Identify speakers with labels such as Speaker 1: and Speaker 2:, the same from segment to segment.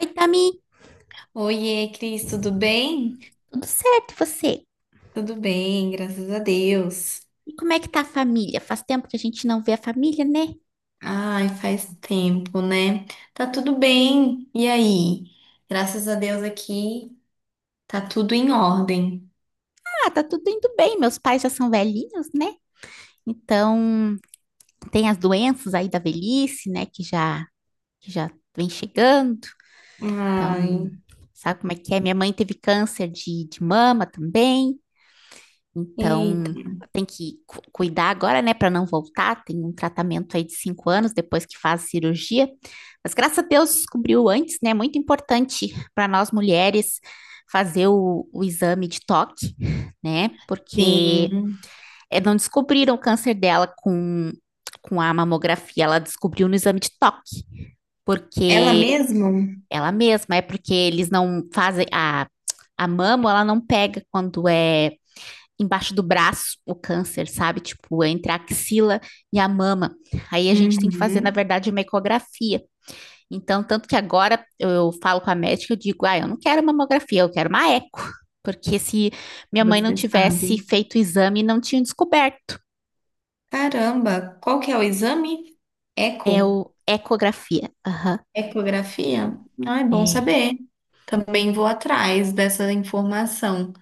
Speaker 1: Oi, Tami,
Speaker 2: Oiê, Cris, tudo bem?
Speaker 1: tudo certo e você?
Speaker 2: Tudo bem, graças a Deus.
Speaker 1: E como é que tá a família? Faz tempo que a gente não vê a família, né?
Speaker 2: Ai, faz tempo, né? Tá tudo bem. E aí? Graças a Deus aqui tá tudo em ordem.
Speaker 1: Ah, tá tudo indo bem, meus pais já são velhinhos, né? Então, tem as doenças aí da velhice, né, que já vem chegando. Então,
Speaker 2: Ai,
Speaker 1: sabe como é que é? Minha mãe teve câncer de mama também.
Speaker 2: eita.
Speaker 1: Então, tem que cuidar agora, né, para não voltar. Tem um tratamento aí de 5 anos depois que faz a cirurgia. Mas graças a Deus descobriu antes, né? É muito importante para nós mulheres fazer o exame de toque, né? Porque
Speaker 2: Sim.
Speaker 1: é, não descobriram o câncer dela com a mamografia, ela descobriu no exame de toque,
Speaker 2: Ela
Speaker 1: porque
Speaker 2: mesmo?
Speaker 1: ela mesma, é porque eles não fazem a mama, ela não pega quando é embaixo do braço o câncer, sabe? Tipo, entre a axila e a mama. Aí a gente tem que fazer, na
Speaker 2: Uhum,
Speaker 1: verdade, uma ecografia. Então, tanto que agora eu falo com a médica, eu digo, ah, eu não quero mamografia, eu quero uma eco. Porque se minha mãe não
Speaker 2: você
Speaker 1: tivesse
Speaker 2: sabe.
Speaker 1: feito o exame, não tinha descoberto.
Speaker 2: Caramba, qual que é o exame?
Speaker 1: É o
Speaker 2: Eco?
Speaker 1: ecografia. Aham,
Speaker 2: Ecografia? Ah, é bom
Speaker 1: uhum. É.
Speaker 2: saber. Também vou atrás dessa informação.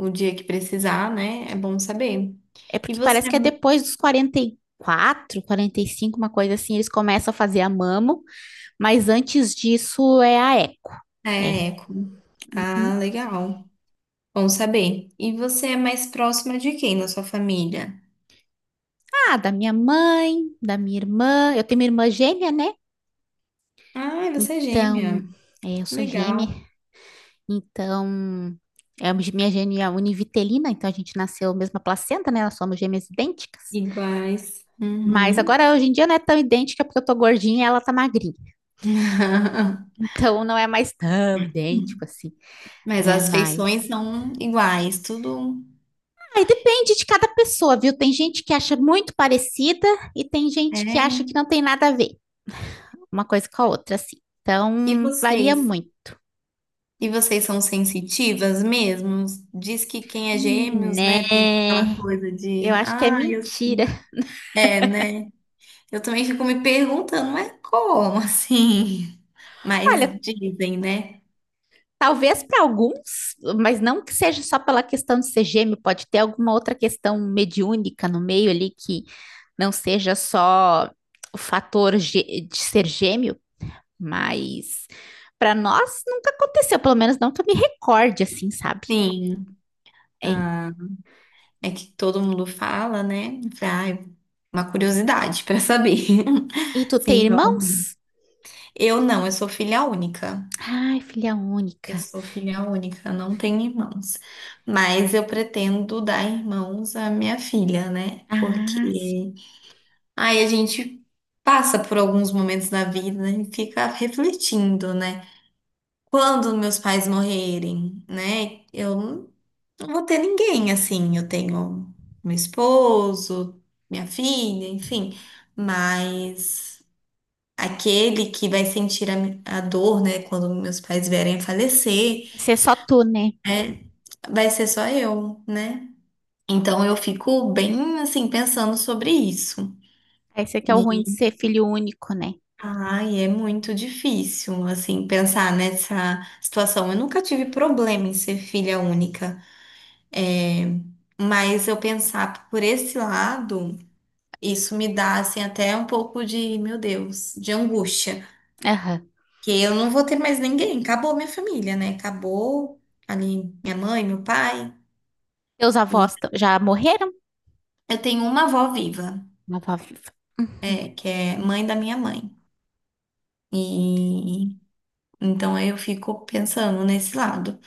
Speaker 2: O dia que precisar, né? É bom saber.
Speaker 1: É
Speaker 2: E
Speaker 1: porque
Speaker 2: você
Speaker 1: parece que é depois dos 44 45 uma coisa assim, eles começam a fazer a mamo, mas antes disso é a eco. É.
Speaker 2: é eco. Ah,
Speaker 1: Uhum.
Speaker 2: legal. Bom saber. E você é mais próxima de quem na sua família?
Speaker 1: Ah, da minha mãe, da minha irmã. Eu tenho uma irmã gêmea, né?
Speaker 2: Ah, você é gêmea.
Speaker 1: Então, é, eu sou gêmea.
Speaker 2: Legal.
Speaker 1: Então, é, a minha gêmea é univitelina, então a gente nasceu mesma placenta, né? Nós somos gêmeas idênticas.
Speaker 2: Iguais.
Speaker 1: Mas
Speaker 2: Uhum.
Speaker 1: agora, hoje em dia, não é tão idêntica porque eu tô gordinha e ela tá magrinha. Então, não é mais tão idêntico assim,
Speaker 2: Mas
Speaker 1: né?
Speaker 2: as feições
Speaker 1: Mas.
Speaker 2: são iguais, tudo.
Speaker 1: Aí depende de cada pessoa, viu? Tem gente que acha muito parecida e tem gente que acha que
Speaker 2: É.
Speaker 1: não tem nada a ver uma coisa com a outra, assim.
Speaker 2: E
Speaker 1: Então, varia
Speaker 2: vocês?
Speaker 1: muito.
Speaker 2: E vocês são sensitivas mesmo? Diz que quem é gêmeos, né, tem
Speaker 1: Né?
Speaker 2: aquela coisa
Speaker 1: Eu
Speaker 2: de,
Speaker 1: acho que é
Speaker 2: ah, eu...
Speaker 1: mentira.
Speaker 2: É, né? Eu também fico me perguntando, mas como assim? Mas
Speaker 1: Olha,
Speaker 2: dizem, né?
Speaker 1: talvez para alguns, mas não que seja só pela questão de ser gêmeo, pode ter alguma outra questão mediúnica no meio ali que não seja só o de ser gêmeo, mas para nós nunca aconteceu, pelo menos não que eu me recorde assim, sabe?
Speaker 2: Sim.
Speaker 1: É.
Speaker 2: Ah, é que todo mundo fala, né? Eu falei, ai, uma curiosidade para saber
Speaker 1: E tu tem
Speaker 2: se realmente.
Speaker 1: irmãos?
Speaker 2: Eu não, eu sou filha única.
Speaker 1: Ai, filha
Speaker 2: Eu
Speaker 1: única.
Speaker 2: sou filha única, não tenho irmãos. Mas eu pretendo dar irmãos à minha filha, né? Porque
Speaker 1: Ah, sim.
Speaker 2: aí a gente passa por alguns momentos da vida e fica refletindo, né? Quando meus pais morrerem, né? Eu não vou ter ninguém assim. Eu tenho meu esposo, minha filha, enfim. Mas aquele que vai sentir a, a dor, né? Quando meus pais vierem a falecer,
Speaker 1: Vai ser só tu, né?
Speaker 2: né? Vai ser só eu, né? Então eu fico bem assim pensando sobre isso.
Speaker 1: Esse aqui é o ruim de
Speaker 2: E
Speaker 1: ser filho único, né?
Speaker 2: ai, é muito difícil assim pensar nessa situação. Eu nunca tive problema em ser filha única. Mas eu pensar por esse lado, isso me dá assim até um pouco de, meu Deus, de angústia,
Speaker 1: Aham.
Speaker 2: que eu não vou ter mais ninguém, acabou minha família, né? Acabou ali minha mãe, meu pai,
Speaker 1: Teus
Speaker 2: e
Speaker 1: já morreram?
Speaker 2: eu tenho uma avó viva,
Speaker 1: Uma avó viva.
Speaker 2: é, que é mãe da minha mãe. E então eu fico pensando nesse lado.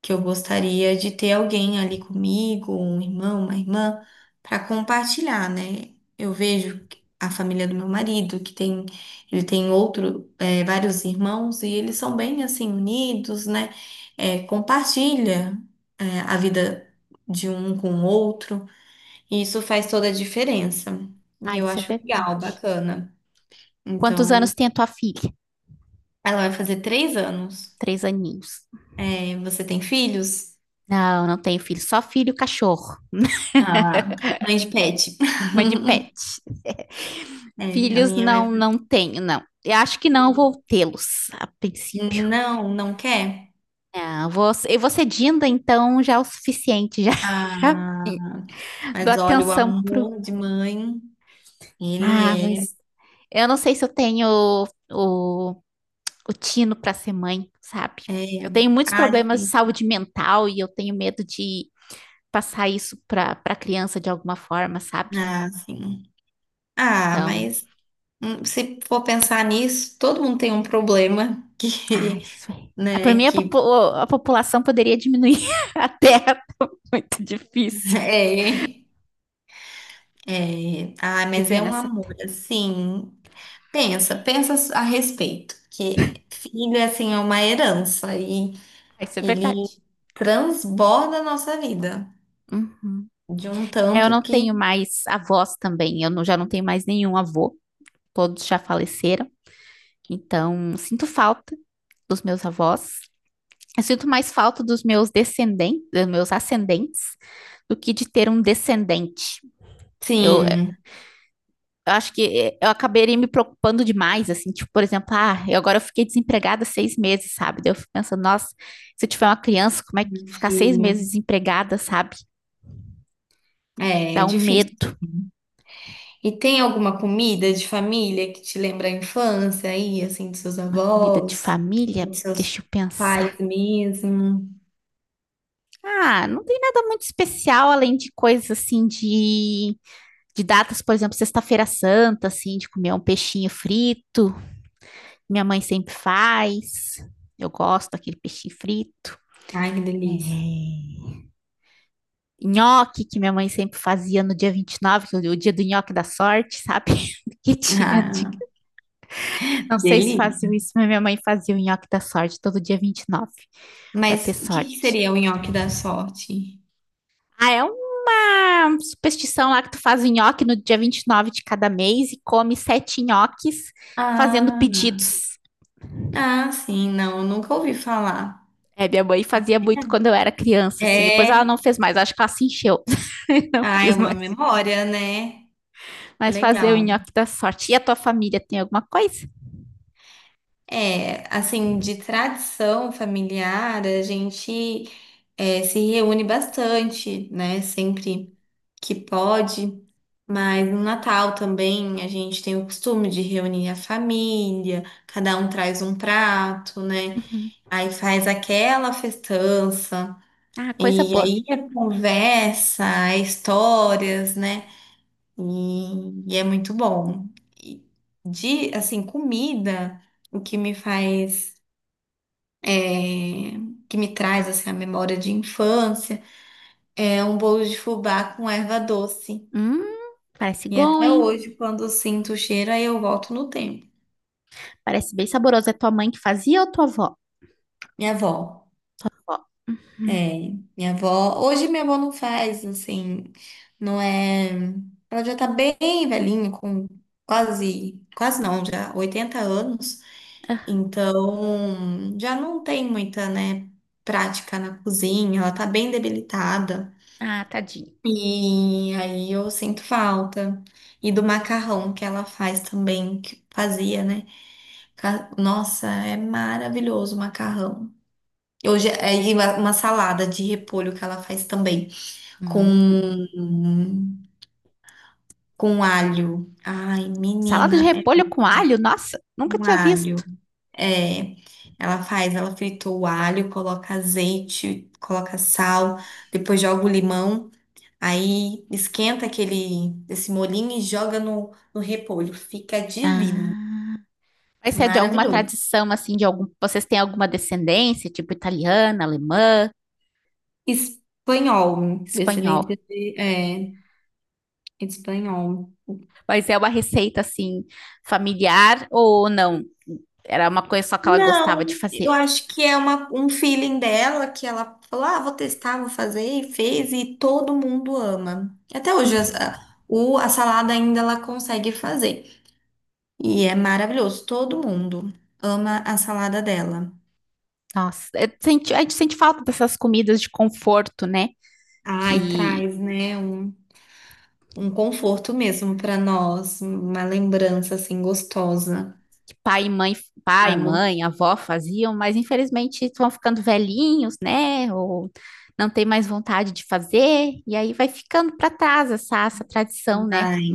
Speaker 2: Que eu gostaria de ter alguém ali comigo, um irmão, uma irmã, para compartilhar, né? Eu vejo que a família do meu marido, que tem, ele tem outro, vários irmãos, e eles são bem assim unidos, né? Compartilha, a vida de um com o outro, e isso faz toda a diferença.
Speaker 1: Ah,
Speaker 2: E eu
Speaker 1: isso é
Speaker 2: acho legal,
Speaker 1: verdade.
Speaker 2: bacana.
Speaker 1: Quantos
Speaker 2: Então,
Speaker 1: anos tem a tua filha?
Speaker 2: ela vai fazer 3 anos.
Speaker 1: Três aninhos.
Speaker 2: Você tem filhos?
Speaker 1: Não, não tenho filho. Só filho e cachorro.
Speaker 2: Ah, mãe de pet.
Speaker 1: Mãe de pet.
Speaker 2: É, a
Speaker 1: Filhos
Speaker 2: minha vai...
Speaker 1: não, não tenho, não. Eu acho que não vou tê-los a
Speaker 2: falar,
Speaker 1: princípio.
Speaker 2: não, não quer.
Speaker 1: Não, vou, eu vou ser Dinda, então já é o suficiente. Já
Speaker 2: Ah,
Speaker 1: dou
Speaker 2: mas olha, o
Speaker 1: atenção pro.
Speaker 2: amor de mãe, ele
Speaker 1: Ah,
Speaker 2: é,
Speaker 1: mas eu não sei se eu tenho o tino para ser mãe, sabe?
Speaker 2: é...
Speaker 1: Eu tenho muitos
Speaker 2: Ah,
Speaker 1: problemas de
Speaker 2: sim.
Speaker 1: saúde mental e eu tenho medo de passar isso para criança de alguma forma, sabe?
Speaker 2: Ah, sim. Ah,
Speaker 1: Então,
Speaker 2: mas se for pensar nisso, todo mundo tem um problema
Speaker 1: ah,
Speaker 2: que,
Speaker 1: isso aí. Para
Speaker 2: né,
Speaker 1: mim,
Speaker 2: que
Speaker 1: a população poderia diminuir a Terra. Muito difícil
Speaker 2: é, é... Ah, mas
Speaker 1: viver
Speaker 2: é um
Speaker 1: nessa
Speaker 2: amor,
Speaker 1: Terra.
Speaker 2: assim, pensa, pensa a respeito, que filho, assim, é uma herança e
Speaker 1: Ah, isso é
Speaker 2: ele
Speaker 1: verdade.
Speaker 2: transborda a nossa vida.
Speaker 1: Hum.
Speaker 2: De um
Speaker 1: É, eu
Speaker 2: tanto
Speaker 1: não
Speaker 2: que.
Speaker 1: tenho mais avós também. Eu não- Já não tenho mais nenhum avô. Todos já faleceram. Então, sinto falta dos meus avós. Eu sinto mais falta dos meus descendentes, dos meus ascendentes, do que de ter um descendente. Eu,
Speaker 2: Sim,
Speaker 1: Eu acho que eu acabaria me preocupando demais, assim, tipo, por exemplo, ah, eu agora eu fiquei desempregada 6 meses, sabe? Daí eu fico pensando, nossa, se eu tiver uma criança, como é que ficar seis
Speaker 2: filho.
Speaker 1: meses desempregada, sabe?
Speaker 2: É,
Speaker 1: Dá
Speaker 2: é
Speaker 1: um
Speaker 2: difícil.
Speaker 1: medo.
Speaker 2: E tem alguma comida de família que te lembra a infância aí, assim, dos seus
Speaker 1: Uma comida de
Speaker 2: avós,
Speaker 1: família,
Speaker 2: dos seus
Speaker 1: deixa eu
Speaker 2: pais
Speaker 1: pensar.
Speaker 2: mesmo?
Speaker 1: Ah, não tem nada muito especial, além de coisas assim de datas, por exemplo, Sexta-feira Santa, assim, de comer um peixinho frito. Minha mãe sempre faz. Eu gosto daquele peixinho frito.
Speaker 2: Ai, que
Speaker 1: É,
Speaker 2: delícia.
Speaker 1: nhoque que minha mãe sempre fazia no dia 29, que é o dia do nhoque da sorte, sabe? Que tinha, de-
Speaker 2: Ah,
Speaker 1: não sei se faziam
Speaker 2: delícia.
Speaker 1: isso, mas minha mãe fazia o nhoque da sorte todo dia 29 para ter
Speaker 2: Mas o que que
Speaker 1: sorte.
Speaker 2: seria o nhoque da sorte?
Speaker 1: Ah, é uma superstição lá que tu faz o nhoque no dia 29 de cada mês e come sete nhoques fazendo
Speaker 2: Ah,
Speaker 1: pedidos.
Speaker 2: ah, sim, não, nunca ouvi falar.
Speaker 1: É, minha mãe fazia muito quando eu era criança, assim. Depois ela
Speaker 2: É,
Speaker 1: não fez mais, acho que ela se encheu, não
Speaker 2: ah, é
Speaker 1: quis
Speaker 2: uma
Speaker 1: mais.
Speaker 2: memória, né?
Speaker 1: Mas fazer o
Speaker 2: Legal.
Speaker 1: nhoque da sorte. E a tua família tem alguma coisa?
Speaker 2: É, assim, de tradição familiar, a gente é, se reúne bastante, né? Sempre que pode. Mas no Natal também a gente tem o costume de reunir a família, cada um traz um prato, né?
Speaker 1: Uhum.
Speaker 2: Aí faz aquela festança,
Speaker 1: Ah, coisa
Speaker 2: e
Speaker 1: boa.
Speaker 2: aí é conversa, é histórias, né? E é muito bom. E de, assim, comida, o que me faz é, que me traz assim, a memória de infância, é um bolo de fubá com erva doce.
Speaker 1: Hum, parece
Speaker 2: E
Speaker 1: bom,
Speaker 2: até
Speaker 1: hein?
Speaker 2: hoje, quando eu sinto o cheiro, aí eu volto no tempo.
Speaker 1: Parece bem saboroso. É tua mãe que fazia ou tua avó?
Speaker 2: Minha avó,
Speaker 1: Ó. Hum.
Speaker 2: é, minha avó, hoje minha avó não faz, assim, não é, ela já tá bem velhinha, com quase, quase não, já 80 anos, então já não tem muita, né, prática na cozinha, ela tá bem debilitada.
Speaker 1: Ah, tadinho.
Speaker 2: E aí eu sinto falta. E do macarrão que ela faz também, que fazia, né? Nossa, é maravilhoso o macarrão. Hoje é e uma salada de repolho que ela faz também, com,
Speaker 1: Hum,
Speaker 2: com alho. Ai,
Speaker 1: salada de
Speaker 2: menina, é
Speaker 1: repolho com alho? Nossa, nunca
Speaker 2: um
Speaker 1: tinha
Speaker 2: alho.
Speaker 1: visto.
Speaker 2: É, ela faz, ela frita o alho, coloca azeite, coloca sal, depois joga o limão. Aí esquenta aquele esse molinho e joga no repolho. Fica divino,
Speaker 1: Ah, mas é de alguma
Speaker 2: maravilhoso.
Speaker 1: tradição, assim, de algum... Vocês têm alguma descendência, tipo italiana, alemã,
Speaker 2: Espanhol,
Speaker 1: espanhol?
Speaker 2: descendente de, é, espanhol.
Speaker 1: Mas é uma receita, assim, familiar ou não? Era uma coisa só que ela
Speaker 2: Não,
Speaker 1: gostava de
Speaker 2: eu
Speaker 1: fazer.
Speaker 2: acho que é uma, um feeling dela que ela falou: ah, vou testar, vou fazer, e fez, e todo mundo ama. Até hoje, a salada ainda ela consegue fazer. E é maravilhoso, todo mundo ama a salada dela.
Speaker 1: Nossa, a gente sente falta dessas comidas de conforto, né?
Speaker 2: Ai,
Speaker 1: Que,
Speaker 2: traz, né? Um conforto mesmo para nós, uma lembrança assim gostosa.
Speaker 1: pai e mãe, pai,
Speaker 2: Pago.
Speaker 1: mãe, avó faziam, mas infelizmente estão ficando velhinhos, né? Ou não tem mais vontade de fazer, e aí vai ficando para trás essa tradição, né?
Speaker 2: Ai,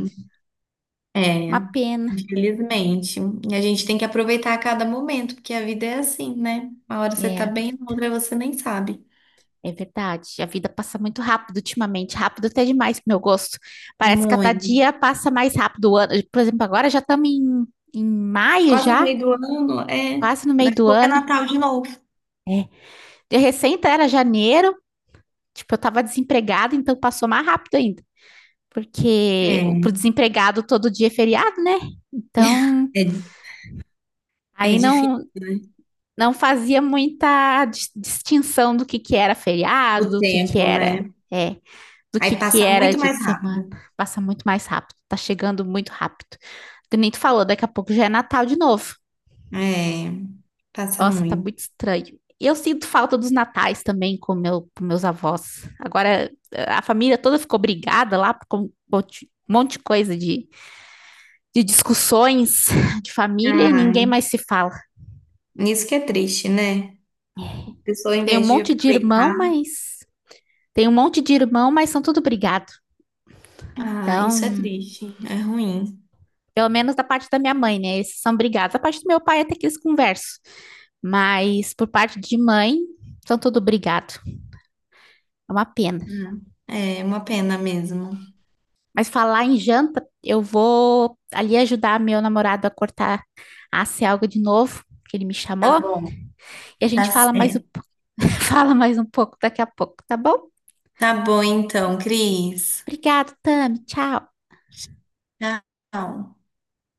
Speaker 1: Uma
Speaker 2: é,
Speaker 1: pena.
Speaker 2: infelizmente. E a gente tem que aproveitar a cada momento, porque a vida é assim, né? Uma hora você
Speaker 1: É,
Speaker 2: tá bem, na outra você nem sabe.
Speaker 1: é verdade. A vida passa muito rápido ultimamente, rápido até demais pro meu gosto. Parece que cada
Speaker 2: Muito.
Speaker 1: dia passa mais rápido o ano. Por exemplo, agora já estamos em maio
Speaker 2: Quase no
Speaker 1: já,
Speaker 2: meio do ano, é.
Speaker 1: quase no meio
Speaker 2: Daqui a
Speaker 1: do
Speaker 2: pouco é
Speaker 1: ano.
Speaker 2: Natal de novo.
Speaker 1: De recente era janeiro, tipo, eu estava desempregada, então passou mais rápido ainda. Porque
Speaker 2: É,
Speaker 1: pro desempregado todo dia é feriado, né? Então,
Speaker 2: é, é
Speaker 1: aí
Speaker 2: difícil,
Speaker 1: não
Speaker 2: né?
Speaker 1: não fazia muita distinção do que era
Speaker 2: O
Speaker 1: feriado, do que
Speaker 2: tempo,
Speaker 1: era,
Speaker 2: né?
Speaker 1: é, do
Speaker 2: Aí
Speaker 1: que
Speaker 2: passa
Speaker 1: era
Speaker 2: muito
Speaker 1: dia
Speaker 2: mais
Speaker 1: de semana.
Speaker 2: rápido.
Speaker 1: Passa muito mais rápido, tá chegando muito rápido. Que nem tu falou, daqui a pouco já é Natal de novo.
Speaker 2: É, passa
Speaker 1: Nossa, tá
Speaker 2: muito.
Speaker 1: muito estranho. E eu sinto falta dos natais também com meus avós. Agora, a família toda ficou brigada lá por um monte de coisa de discussões de família e
Speaker 2: Ai,
Speaker 1: ninguém mais se fala.
Speaker 2: isso que é triste, né? A pessoa, em
Speaker 1: Tem um
Speaker 2: vez de
Speaker 1: monte de
Speaker 2: aproveitar.
Speaker 1: irmão, mas Tem um monte de irmão, mas são tudo brigado.
Speaker 2: Ah, isso é
Speaker 1: Então,
Speaker 2: triste, é ruim.
Speaker 1: pelo menos da parte da minha mãe, né? Esses são brigados. Da parte do meu pai até que eles conversam, mas por parte de mãe, são tudo brigado. É uma pena.
Speaker 2: É uma pena mesmo.
Speaker 1: Mas falar em janta, eu vou ali ajudar meu namorado a cortar a algo de novo, que ele me
Speaker 2: Tá
Speaker 1: chamou,
Speaker 2: bom,
Speaker 1: e a gente
Speaker 2: tá
Speaker 1: fala mais,
Speaker 2: certo.
Speaker 1: fala mais um pouco daqui a pouco, tá bom?
Speaker 2: Tá bom então, Cris.
Speaker 1: Obrigado, Tami. Tchau.
Speaker 2: Tchau.